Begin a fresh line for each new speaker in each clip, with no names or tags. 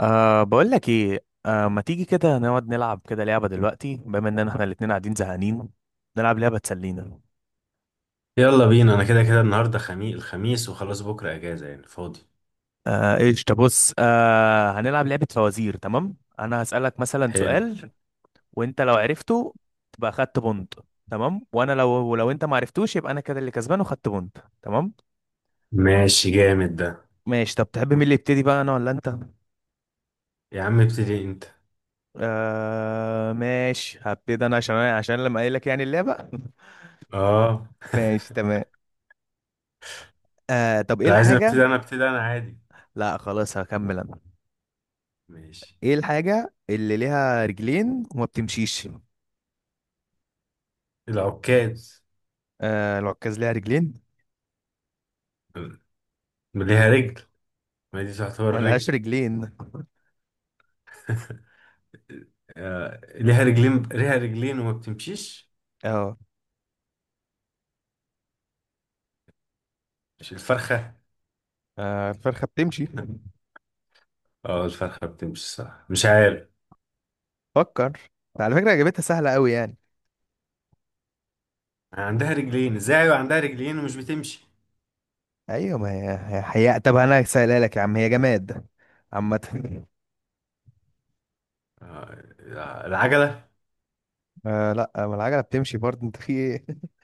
بقول لك ايه، ما تيجي كده نقعد نلعب كده لعبة دلوقتي بما ان احنا الاتنين قاعدين زهقانين؟ نلعب لعبة تسلينا.
يلا بينا. انا كده كده، النهارده خميس. الخميس وخلاص بكره اجازه، يعني فاضي.
ايش؟ بص، هنلعب لعبة فوازير. تمام، انا هسألك مثلا
حلو.
سؤال، وانت لو عرفته تبقى خدت بونت، تمام. وانا لو ولو انت ما عرفتوش يبقى انا كده اللي كسبان وخدت بونت، تمام؟
ماشي، جامد ده.
ماشي. طب تحب مين اللي يبتدي بقى، انا ولا انت؟
يا عم، ابتدي انت.
ماشي، هبتدي انا عشان لما قايل لك يعني اللعبة.
اه.
ماشي تمام. طب ايه
لو عايز ابتدي
الحاجة؟
انا، ابتدي انا عادي.
لا خلاص هكمل انا.
ماشي.
ايه الحاجة اللي ليها رجلين وما بتمشيش؟
العكاز.
آه العكاز ليها رجلين؟
ليها رجل. ما دي
ما
تعتبر
لهاش
رجل.
رجلين.
آه. ليها رجلين، ليها رجلين وما بتمشيش.
اه،
مش الفرخه؟
آه، الفرخة بتمشي.
اه، الفرخه بتمشي. صح، مش عارف.
فكر. على فكرة اجابتها سهلة قوي يعني.
عندها رجلين ازاي؟ أيوة عندها رجلين ومش بتمشي.
ايوه، ما هي هي حقيقة. طب انا سهلها لك يا عم، هي جماد عامة.
آه. العجله.
آه لا، ما العجلة بتمشي برضه. انت في ايه؟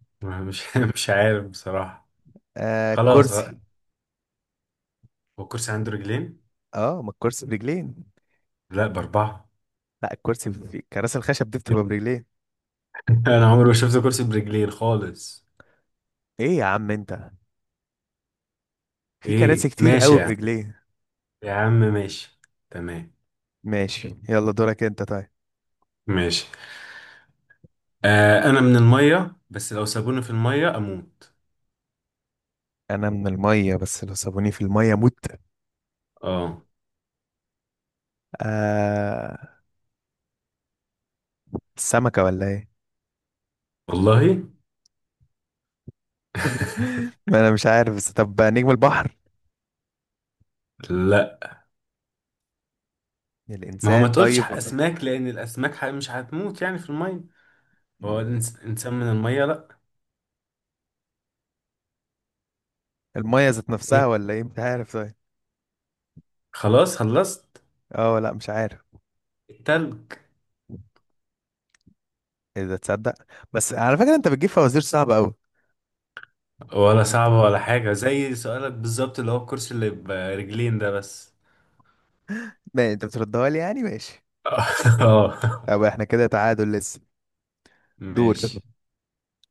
مش عارف بصراحه.
آه
خلاص.
الكرسي.
هو الكرسي عنده رجلين؟
اه، ما الكرسي برجلين.
لا، بأربعة.
لا، الكرسي في كراسي الخشب دي بتبقى برجلين.
أنا عمري ما شفت كرسي برجلين خالص.
ايه يا عم انت، في كراسي
إيه،
كتير
ماشي
قوي
يعني.
برجلين.
يا عم ماشي. تمام.
ماشي يلا دورك انت طيب.
ماشي. آه، أنا من المية بس لو سابوني في المية أموت.
انا من الميه، بس لو سابوني في الميه مت.
آه.
آه، السمكه ولا ايه؟
والله.
ما انا مش عارف، بس طب نجم البحر؟
لا، ما هو ما
الانسان
تقولش
طيب؟
أسماك لأن الأسماك مش هتموت يعني في المية. هو إنسان من المية، لا.
الميه ذات
إيه.
نفسها ولا ايه؟ مش عارف طيب.
خلاص، خلصت.
اه لا مش عارف.
التلج.
اذا تصدق، بس على فكره انت بتجيب فوازير صعبه قوي.
ولا صعبة ولا حاجة، زي سؤالك بالظبط اللي هو الكرسي اللي برجلين ده بس.
ما يعني انت بتردها لي يعني، ماشي.
اه.
طب احنا كده تعادل لسه. دور.
ماشي،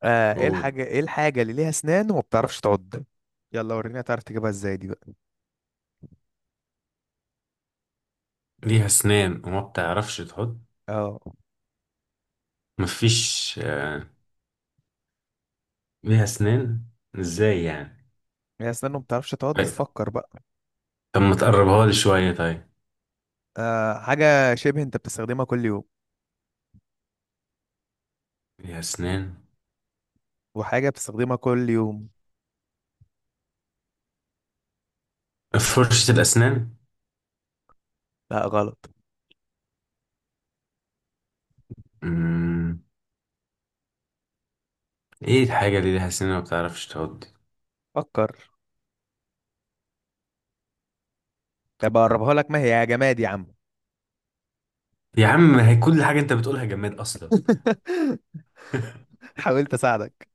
آه
قول.
ايه الحاجه اللي ليها اسنان وما بتعرفش تعض؟ يلا وريني هتعرف تجيبها ازاي دي بقى.
ليها اسنان وما بتعرفش تحط؟
اه،
مفيش. ليها اسنان. ازاي يعني؟
ليها اسنان وما بتعرفش
طيب،
تعض، فكر بقى.
طب ما تقربها لي شوية طيب.
آه، حاجة شبه انت بتستخدمها كل يوم،
ليها اسنان.
وحاجة بتستخدمها كل يوم.
فرشة الاسنان.
لا غلط.
مم. ايه الحاجة اللي ليها اسنان وما بتعرفش تحط؟
فكر. طب اقربها لك، ما هي يا جماد يا عم.
يا عم، هي كل حاجة انت بتقولها جماد اصلا.
حاولت اساعدك.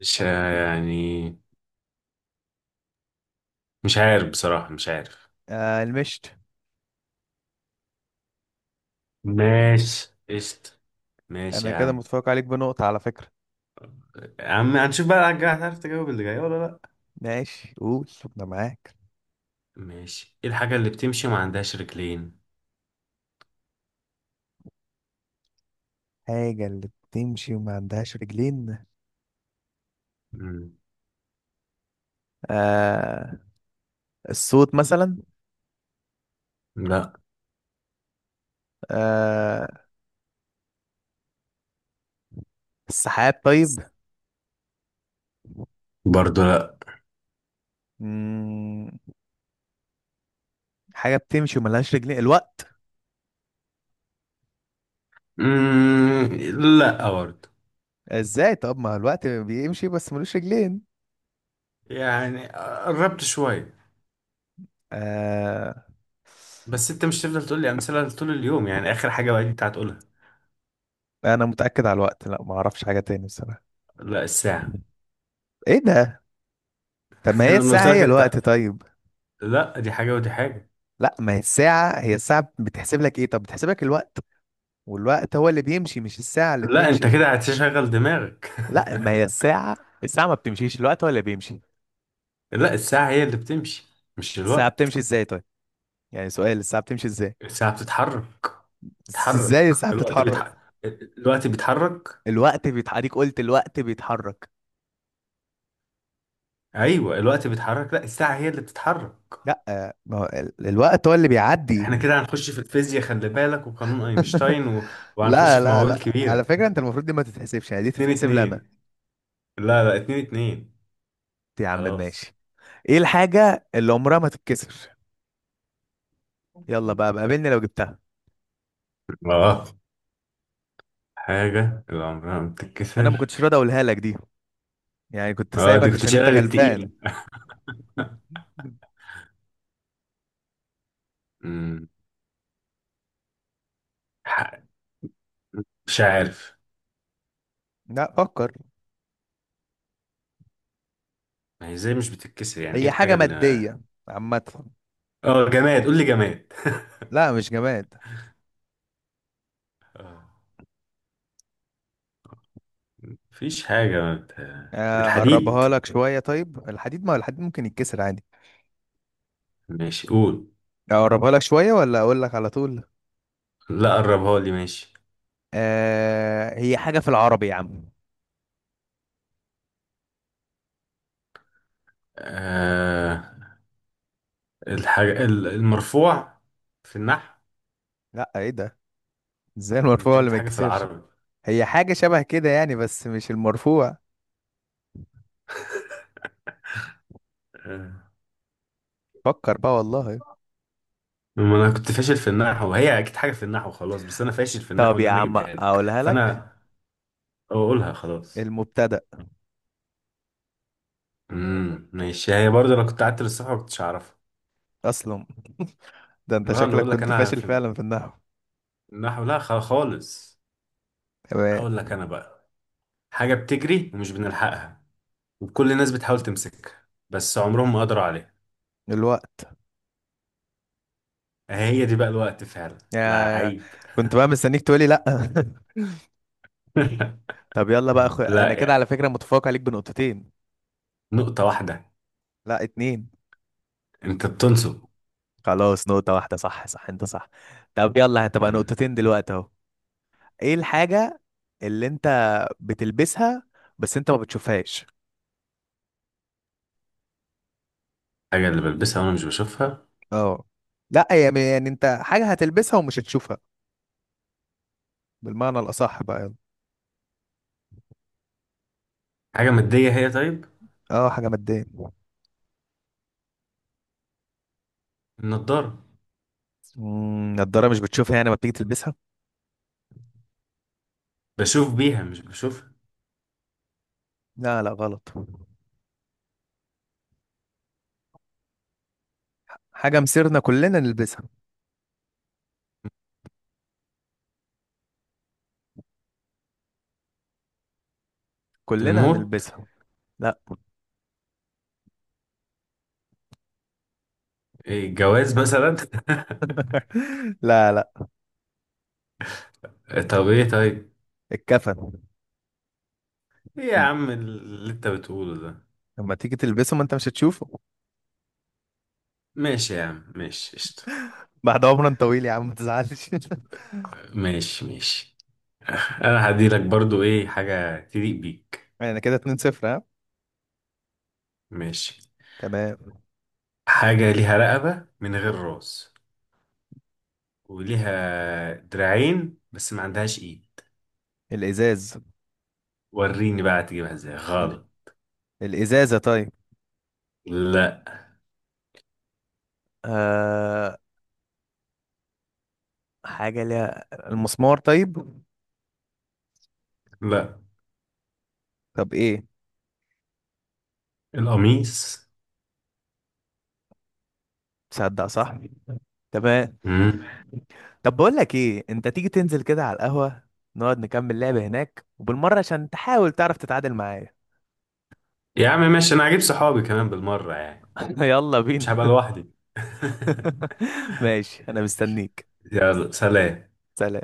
مش يعني. مش عارف بصراحة، مش عارف.
آه المشت.
ماشي، قشطة. ماشي
انا
يا
كده
عم.
متفوق عليك بنقطة على فكرة.
يا عم، هنشوف بقى هتعرف تجاوب اللي جاي ولا لا.
ماشي قول، انا معاك.
ماشي. ايه الحاجة اللي بتمشي وما عندهاش رجلين؟
حاجة اللي بتمشي وما عندهاش رجلين؟
مم.
آه، الصوت مثلا.
لا.
آه، السحاب طيب.
برضو لا.
مم. حاجة بتمشي وملهاش رجلين، الوقت.
مم. لا برضو.
ازاي؟ طب ما هو الوقت بيمشي بس ملوش رجلين.
يعني قربت شوية.
آه...
بس انت مش تفضل تقول لي امثلة طول اليوم، يعني اخر حاجة بقى دي بتاعت تقولها.
انا متأكد على الوقت، لا ما اعرفش حاجة تاني بصراحة.
لا، الساعة.
ايه ده؟ طب ما هي
انا قلت
الساعة
لك
هي
انت.
الوقت طيب.
لا، دي حاجة ودي حاجة.
لا، ما هي الساعة، هي الساعة بتحسب لك ايه؟ طب بتحسب لك الوقت، والوقت هو اللي بيمشي مش الساعة اللي
لا، انت
بتمشي.
كده هتشغل دماغك.
لا، ما هي الساعة، الساعة ما بتمشيش، الوقت هو اللي بيمشي.
لا، الساعة هي اللي بتمشي، مش
الساعة بتمشي
الوقت.
ازاي طيب؟ يعني سؤال، الساعة بتمشي ازاي؟
الساعة بتتحرك.
ازاي
بتتحرك،
الساعة
الوقت
بتتحرك؟
بيتحرك. الوقت بيتحرك.
الوقت بيتحرك، قلت الوقت بيتحرك.
ايوه الوقت بيتحرك، لا الساعه هي اللي بتتحرك.
لا ما هو الوقت هو اللي بيعدي.
احنا كده هنخش في الفيزياء، خلي بالك، وقانون اينشتاين و. وهنخش
لا
في
لا
مواويل
لا
كبيره.
على فكرة انت المفروض دي ما تتحسبش، يعني دي
اتنين
تتحسب لي انا.
اتنين. لا، لا، اتنين اتنين.
يا عم
خلاص.
ماشي. ايه الحاجة اللي عمرها ما تتكسر؟ يلا بقى بقابلني لو جبتها.
اه، حاجه اللي عمرها ما
انا ما
بتتكسر.
كنتش راضي اقولها لك دي، يعني كنت
اه، دي
سايبك
كنت
عشان انت
شايلها للتقيله.
غلبان.
أمم، ح- مش عارف.
لا فكر.
ما هي ازاي مش بتتكسر، يعني ايه
هي
الحاجه
حاجة
اللي.
مادية عامة.
اه جماد، قول لي جماد.
لا مش جماد.
آه، مفيش حاجه ما بت-
آه،
الحديد.
اقربها لك شوية، طيب الحديد؟ ما هو الحديد ممكن يتكسر عادي.
ماشي، قول.
اقربها لك شوية ولا اقول لك على طول؟
لا، قربها لي ماشي.
هي حاجة في العربي يا عم.
آه... الحاجة المرفوع في النحو.
لا ايه ده، ازاي
ما
المرفوع
انت
اللي
قلت
ما
حاجة في
يتكسرش؟
العربي.
هي حاجة شبه كده يعني، بس مش المرفوع.
آه.
فكر بقى والله.
ما انا كنت فاشل في النحو، هي اكيد حاجة في النحو خلاص، بس انا فاشل في
طب
النحو ان
يا
انا
عم
اجيبها لك،
اقولها لك،
فانا. اقولها خلاص.
المبتدأ.
ماشي، هي برضه انا كنت قعدت للصبح ما كنتش اعرفها.
أصلا ده أنت
لا، انا
شكلك
بقول لك
كنت
انا
فاشل
في
فعلا في النحو.
النحو، لا خالص.
تمام.
هقول لك انا بقى. حاجة بتجري ومش بنلحقها. وكل الناس بتحاول تمسكها بس عمرهم ما قدروا عليها.
الوقت.
هي دي بقى الوقت فعلا.
يا،
لعيب.
كنت بقى مستنيك تقولي لأ. طب يلا بقى
لا
انا كده على
يعني،
فكرة متفوق عليك بنقطتين.
نقطة واحدة.
لأ اتنين.
انت بتنصب.
خلاص نقطة واحدة، صح صح انت صح. طب يلا هتبقى
مم.
نقطتين دلوقتي اهو. ايه الحاجة اللي انت بتلبسها بس انت ما بتشوفهاش؟
حاجة اللي بلبسها وانا مش بشوفها؟
اه، لا يعني، انت حاجه هتلبسها ومش هتشوفها، بالمعنى الاصح بقى يعني.
حاجة مادية هي طيب؟
اه، حاجه ماديه.
النضارة.
امم، نضاره مش بتشوفها يعني، ما بتيجي تلبسها؟
بشوف بيها، مش بشوفها.
لا لا غلط. حاجه مسيرنا كلنا نلبسها، كلنا
الموت.
هنلبسها. لا.
إيه، الجواز مثلا.
لا لا.
طب ايه طيب؟
الكفن.
ايه يا
مم.
عم اللي انت بتقوله ده؟
لما تيجي تلبسه ما انت مش هتشوفه.
ماشي يا عم، ماشي قشطة.
بعد عمر طويل يا عم ما تزعلش.
ماشي، ماشي. انا هديلك برضو ايه حاجة تليق بيك.
انا كده 2 0 ها.
ماشي.
تمام.
حاجة ليها رقبة من غير راس، وليها دراعين بس ما عندهاش ايد.
الازاز.
وريني بقى هتجيبها ازاي.
ال...
غلط.
الازازه طيب؟
لا.
آه... حاجه ليها المسمار طيب؟
لا.
طب ايه؟
القميص.
تصدق صح. تمام.
امم.
طب بقول لك ايه، انت تيجي تنزل كده على القهوة، نقعد نكمل لعبة هناك وبالمرة عشان تحاول تعرف تتعادل معايا.
يا عم ماشي، انا هجيب صحابي كمان بالمرة يعني.
يلا
مش هبقى
بينا.
لوحدي.
ماشي انا مستنيك.
يلا، سلام.
سلام.